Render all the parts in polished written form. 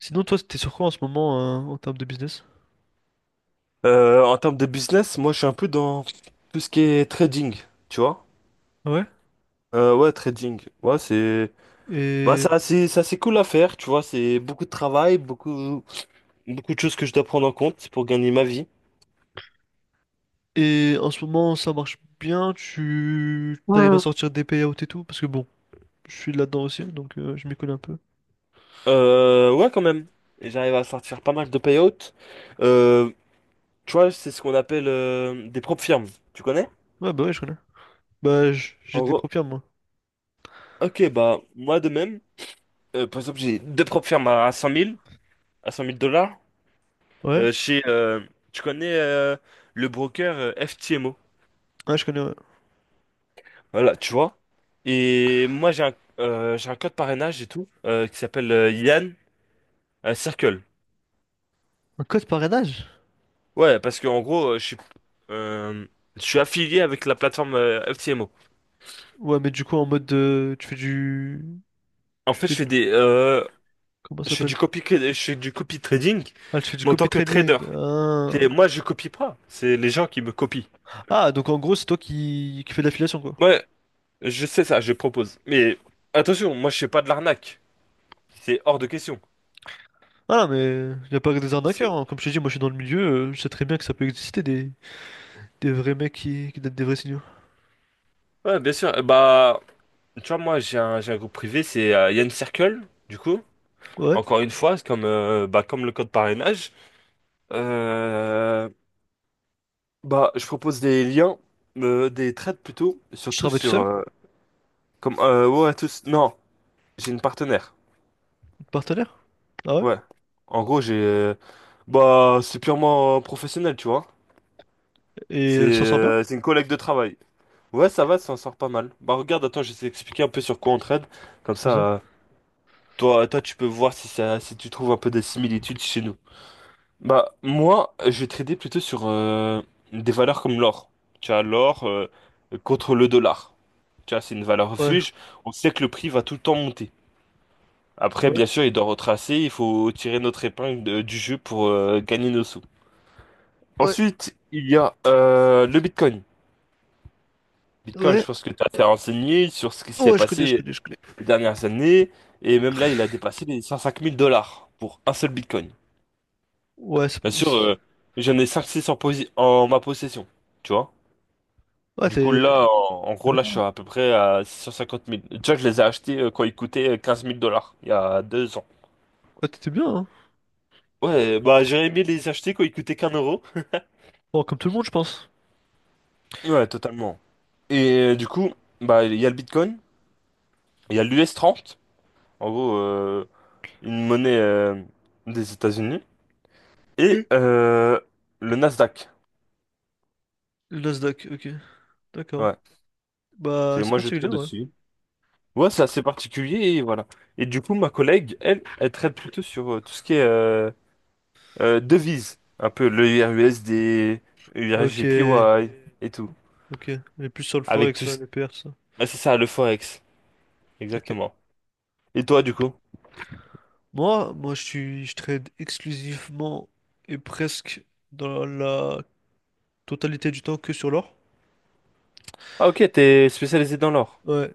Sinon, toi, t'es sur quoi en ce moment hein, en termes de business? En termes de business, moi je suis un peu dans tout ce qui est trading, tu vois. Ah ouais. Ouais, trading. Ouais, c'est bah Et... c'est assez, c'est assez cool à faire, tu vois. C'est beaucoup de travail, beaucoup, beaucoup de choses que je dois prendre en compte pour gagner ma vie. et en ce moment, ça marche bien? Tu t'arrives à Ouais. sortir des payouts et tout? Parce que bon, je suis là-dedans aussi, donc je m'y connais un peu. Ouais, quand même. Et j'arrive à sortir pas mal de payouts. Euh, Tu vois, c'est ce qu'on appelle des propres firmes. Tu connais? Ouais, bah ouais, je connais. Bah, j'ai En des gros, profils, moi. ok, bah moi de même, par exemple, j'ai deux propres firmes à 100 000, à 100 000 dollars. Ouais? Euh, chez, euh, Tu connais le broker FTMO. Ouais, je connais, ouais. Voilà, tu vois. Et moi, j'ai un code parrainage et tout, qui s'appelle Yann Circle. Un code parrainage? Ouais, parce que en gros, euh, je suis affilié avec la plateforme FTMO. Ouais, mais du coup, En Tu fait, je fais... fais des, comment ça je fais s'appelle? du copy, je fais du copy trading, Ah, tu fais du mais en tant copy que trading. trader. Ah, Et moi, je copie pas. C'est les gens qui me copient. ah, donc en gros, c'est toi qui fais de l'affiliation, quoi. Ouais, je sais ça, je propose. Mais attention, moi, je fais pas de l'arnaque. C'est hors de question. Ah, non, mais il n'y a pas que des arnaqueurs, C'est- hein. Comme je t'ai dit, moi, je suis dans le milieu. Je sais très bien que ça peut exister des... Des vrais mecs qui donnent des vrais signaux. Ouais, bien sûr. Bah, tu vois, moi, j'ai un groupe privé, c'est Yann Circle, du coup. Ouais. Encore une fois, c'est comme, bah, comme le code parrainage. Euh, Bah, je propose des liens, des trades plutôt, Je surtout travaille tout sur, seul, ouais, tous. Non, j'ai une partenaire. une partenaire. Ah ouais. Ouais. En gros, j'ai, bah, c'est purement professionnel, tu vois. Et C'est elle s'en sort bien. euh, c'est une collègue de travail. Ouais, ça va, ça en sort pas mal. Bah, regarde, attends, je vais t'expliquer un peu sur quoi on trade. Comme Comme ça, ça. toi, tu peux voir si tu trouves un peu des similitudes chez nous. Bah, moi, je vais trader plutôt sur des valeurs comme l'or. Tu as l'or contre le dollar. Tu vois, c'est une valeur Ouais. refuge. On sait que le prix va tout le temps monter. Après, Ouais. bien sûr, il doit retracer. Il faut tirer notre épingle du jeu pour gagner nos sous. Ouais. Ensuite, il y a le Bitcoin. Bitcoin, je Ouais. pense que tu as été renseigné sur ce qui s'est Ouais, je connais, je passé connais, je connais. les dernières années. Et même là, il a dépassé les 105 000 dollars pour un seul Bitcoin. Ouais, c'est... Bien sûr, c'est- euh, j'en ai cinq-six en ma possession, tu vois. Ouais, Du coup, là, en t'es gros, là, retard, je suis là. à peu près à 650 000. Déjà, je les ai achetés quand ils coûtaient 15 000 dollars, il y a 2 ans. Ouais, t'étais bien, hein. Ouais, bah, j'aurais aimé les acheter quand ils coûtaient qu'1 euro. Bon, comme tout le monde, je pense. Ouais, totalement. Et du coup, bah, il y a le Bitcoin, il y a l'US 30, en gros, une monnaie des États-Unis, et Ok. Le Nasdaq. Le Nasdaq, ok. D'accord. Ouais. Bah, c'est Moi, je particulier, traite ouais. dessus. Ouais, c'est assez particulier, et voilà. Et du coup, ma collègue, elle, elle traite plutôt sur tout ce qui est devises, un peu le URUSD, Ok. URGPY et tout. Ok. On est plus sur le Avec Forex, tout là, ce, les PR, ça. ouais, c'est ça, le Forex, Ok. exactement. Et toi, du coup? Moi, je trade exclusivement et presque dans la totalité du temps que sur l'or. Ah, ok, t'es spécialisé dans l'or. Ouais.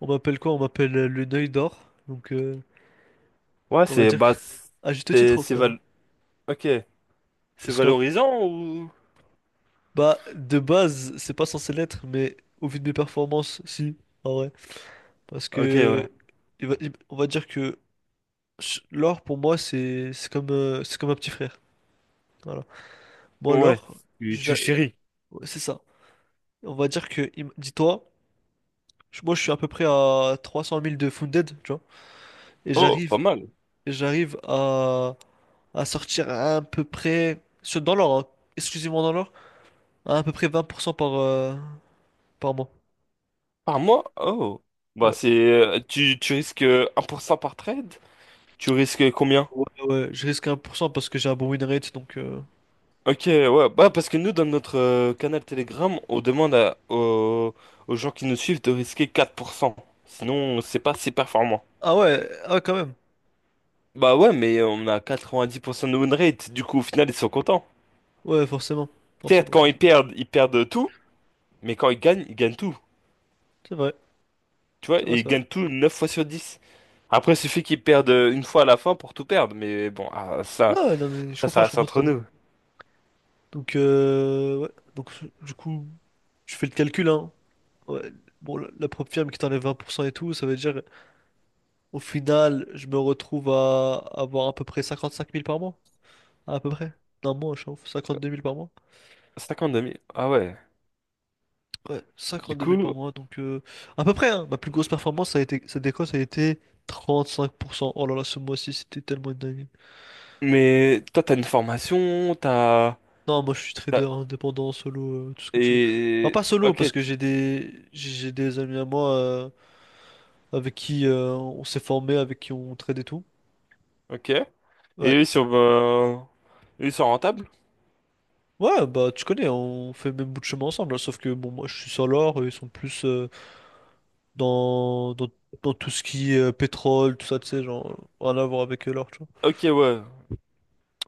On m'appelle quoi? On m'appelle le Neuil d'or. Donc, Ouais, on va c'est... dire Bah, que- à juste titre au c'est final. val... ok. C'est Parce que, valorisant, ou? bah, de base, c'est pas censé l'être, mais au vu de mes performances, si, en vrai. Parce Ok, ouais. que, on va dire que l'or pour moi, c'est comme un petit frère. Voilà. Moi, Ouais. l'or, Tu, je tu la- chéris. ouais, c'est ça. On va dire que, dis-toi, moi, je suis à peu près à 300 000 de Funded, tu vois. Et Oh, pas j'arrive mal. j'arrive à, sortir à peu près, dans l'or, hein, exclusivement dans l'or, à peu près 20% par mois. Par mois? Oh. Bah, Ouais. tu risques 1% par trade? Tu risques combien? Ouais, ouais, je risque 1% parce que j'ai un bon win rate, donc... Ok, ouais, bah parce que nous, dans notre canal Telegram, on demande aux gens qui nous suivent de risquer 4%. Sinon, c'est pas assez performant. Ah ouais, ah ouais, quand même. Bah ouais, mais on a 90% de win rate, du coup, au final, ils sont contents. Ouais, forcément. Certes, Forcément, quand forcément. Ils perdent tout, mais quand ils gagnent tout. C'est vrai, Tu vois, c'est vrai, et ils c'est vrai. gagnent tout 9 fois sur 10. Après, il suffit qu'ils perdent une fois à la fin pour tout perdre, mais bon, ah, ça, Non, ouais, non, mais ça, ça je reste comprends tout entre à fait. nous. Donc, ouais. Donc, du coup, je fais le calcul, hein. Ouais. Bon, la prop firme qui t'enlève 20% et tout, ça veut dire, au final, je me retrouve à avoir à peu près 55 000 par mois. À peu près. D'un mois, je chauffe. 52 000 par mois. 52 000, ah ouais. Ouais, Du 52 coup, 000 par mois. Donc, à peu près, hein. Ma plus grosse performance, ça a été, cette déco, ça a été 35%. Oh là là, ce mois-ci, c'était tellement une dinguerie. mais toi, t'as une formation, t'as. Non, moi, je suis trader indépendant, solo, tout ce que tu veux. Enfin, pas Et solo, parce ok, que j'ai des amis à moi avec qui on s'est formé, avec qui on trade et tout. ok. Et Ouais. eux ils sont, euh, eux, ils sont rentables? Ouais, bah, tu connais, on fait le même bout de chemin ensemble, hein. Sauf que, bon, moi, je suis sur l'or, eux, ils sont plus. Dans, dans, dans tout ce qui est pétrole, tout ça, tu sais, genre, rien à voir avec l'or, tu vois. Ok, ouais.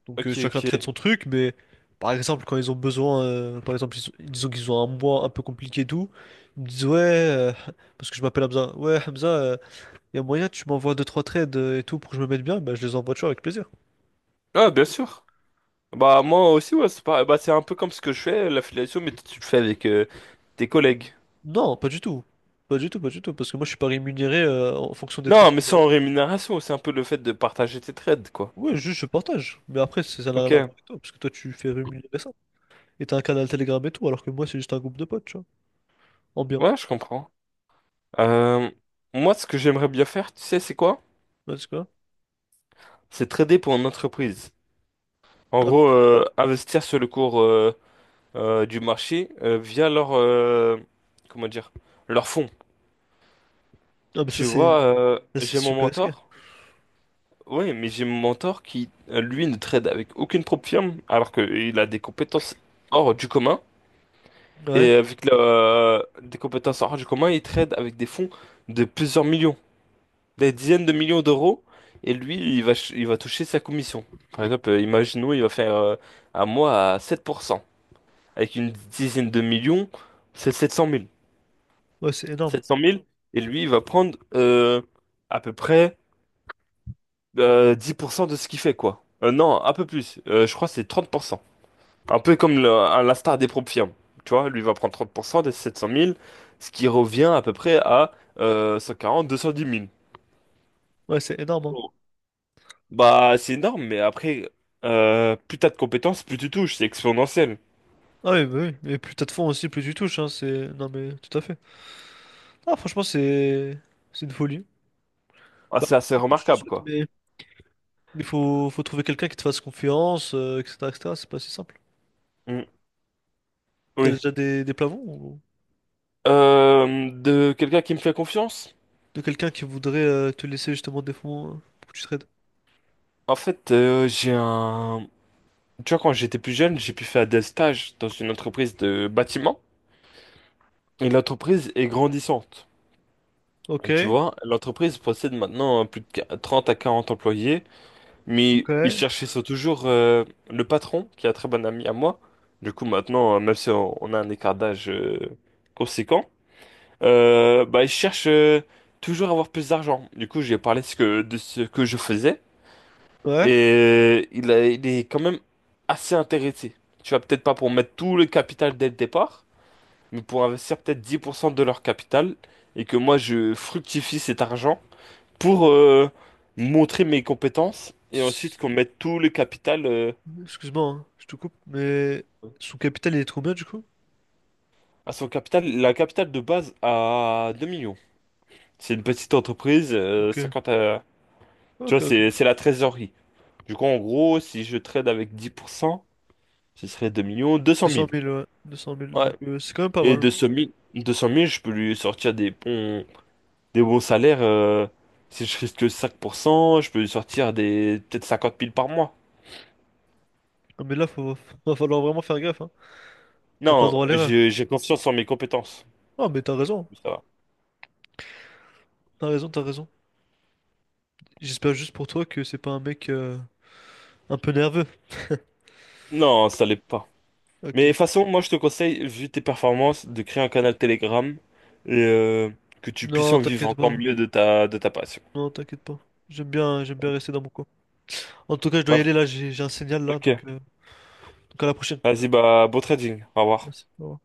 Donc Ok, chacun traite ok. son truc, mais par exemple, quand ils ont besoin, par exemple, disons qu'ils ont un mois un peu compliqué et tout, ils me disent, ouais, parce que je m'appelle Hamza, ouais, Hamza, il y a moyen, tu m'envoies deux, trois trades et tout pour que je me mette bien, bah, je les envoie, tu vois, avec plaisir. Ah, bien sûr. Bah moi aussi, ouais. C'est pas... Bah, c'est un peu comme ce que je fais, l'affiliation, mais tu le fais avec tes collègues. Non, pas du tout. Pas du tout, pas du tout, parce que moi je suis pas rémunéré en fonction des Non, trades que mais je leur sans envoie. rémunération, c'est un peu le fait de partager tes trades, quoi. Ouais, juste je partage. Mais après, ça n'a rien à voir Ok. avec toi, parce que toi tu fais rémunérer ça. Et t'as un canal Telegram et tout, alors que moi, c'est juste un groupe de potes, tu vois. En bien. Ouais, je comprends. Euh, Moi, ce que j'aimerais bien faire, tu sais, c'est quoi? Ouais, c'est quoi? C'est trader pour une entreprise. En Ah, gros, investir sur le cours, du marché via leur comment dire, leur fonds. non, mais ça, Tu c'est vois, ça, c'est j'ai mon super risqué. mentor. Oui, mais j'ai mon mentor qui, lui, ne trade avec aucune propre firme, alors qu'il a des compétences hors du commun. Et Ouais, des compétences hors du commun, il trade avec des fonds de plusieurs millions, des dizaines de millions d'euros. Et lui, il va toucher sa commission. Par exemple, imaginons, il va faire un mois à 7%. Avec une dizaine de millions, c'est 700 000, ouais, c'est énorme. 700 000, et lui, il va prendre à peu près 10% de ce qu'il fait, quoi. Non, un peu plus. Je crois que c'est 30%. Un peu comme à la star des propres firmes. Tu vois, lui va prendre 30% des 700 000, ce qui revient à peu près à 140, 210 000. Ouais, c'est énorme, hein. Bon. Bah, c'est énorme, mais après, plus t'as de compétences, plus tu touches. C'est exponentiel. Ah oui, bah oui. Et plus t'as de fonds aussi, plus tu touches. Hein. Non, mais tout à fait. Ah, franchement, c'est une folie. Ah, Bah, c'est assez écoute, je te le remarquable, souhaite, quoi. mais il faut trouver quelqu'un qui te fasse confiance, etc., etc. C'est pas si simple. Mm. T'as Oui. déjà des plafonds ou De quelqu'un qui me fait confiance? de quelqu'un qui voudrait te laisser justement des fonds pour que tu trades? En fait, j'ai un. Tu vois, quand j'étais plus jeune, j'ai pu faire des stages dans une entreprise de bâtiment. Et l'entreprise est grandissante. Ok, Tu vois, l'entreprise possède maintenant plus de 30 à 40 employés, mais ils ok. cherchaient toujours le patron, qui est un très bon ami à moi. Du coup, maintenant, même si on a un écart d'âge conséquent, bah, ils cherchent toujours à avoir plus d'argent. Du coup, j'ai parlé de ce que je faisais. Ouais. Et il est quand même assez intéressé. Tu vas peut-être pas pour mettre tout le capital dès le départ, mais pour investir peut-être 10% de leur capital et que moi je fructifie cet argent pour montrer mes compétences et ensuite qu'on mette tout le capital Excuse-moi, hein, je te coupe, mais son capital il est de combien du coup? à son capital, la capitale de base à 2 millions. C'est une petite entreprise, Ok, 50 tu ok, vois, ok. c'est la trésorerie. Du coup, en gros, si je trade avec 10%, ce serait 2 millions 200 200 000. 000, ouais. 200 000, donc c'est quand même pas Et mal. 200 000, 200 000, je peux lui sortir des bons salaires. Si je risque que 5%, je peux lui sortir des peut-être 50 000 par mois. Ah, mais là, va falloir vraiment faire gaffe, hein. T'as pas le Non, droit à l'erreur. j'ai confiance en mes compétences. Ah, mais t'as raison, Ça va. t'as raison, t'as raison. J'espère juste pour toi que c'est pas un mec un peu nerveux. Non, ça l'est pas. Mais de Ok. toute façon, moi, je te conseille, vu tes performances, de créer un canal Telegram et que tu puisses Non, en vivre t'inquiète encore pas. mieux de ta passion. Non, t'inquiète pas. J'aime bien Ok. rester dans mon coin. En tout cas, je dois y Bah, aller là, j'ai un signal là, ok. donc à la prochaine. Vas-y, bah, beau trading. Au revoir. Merci. Au revoir.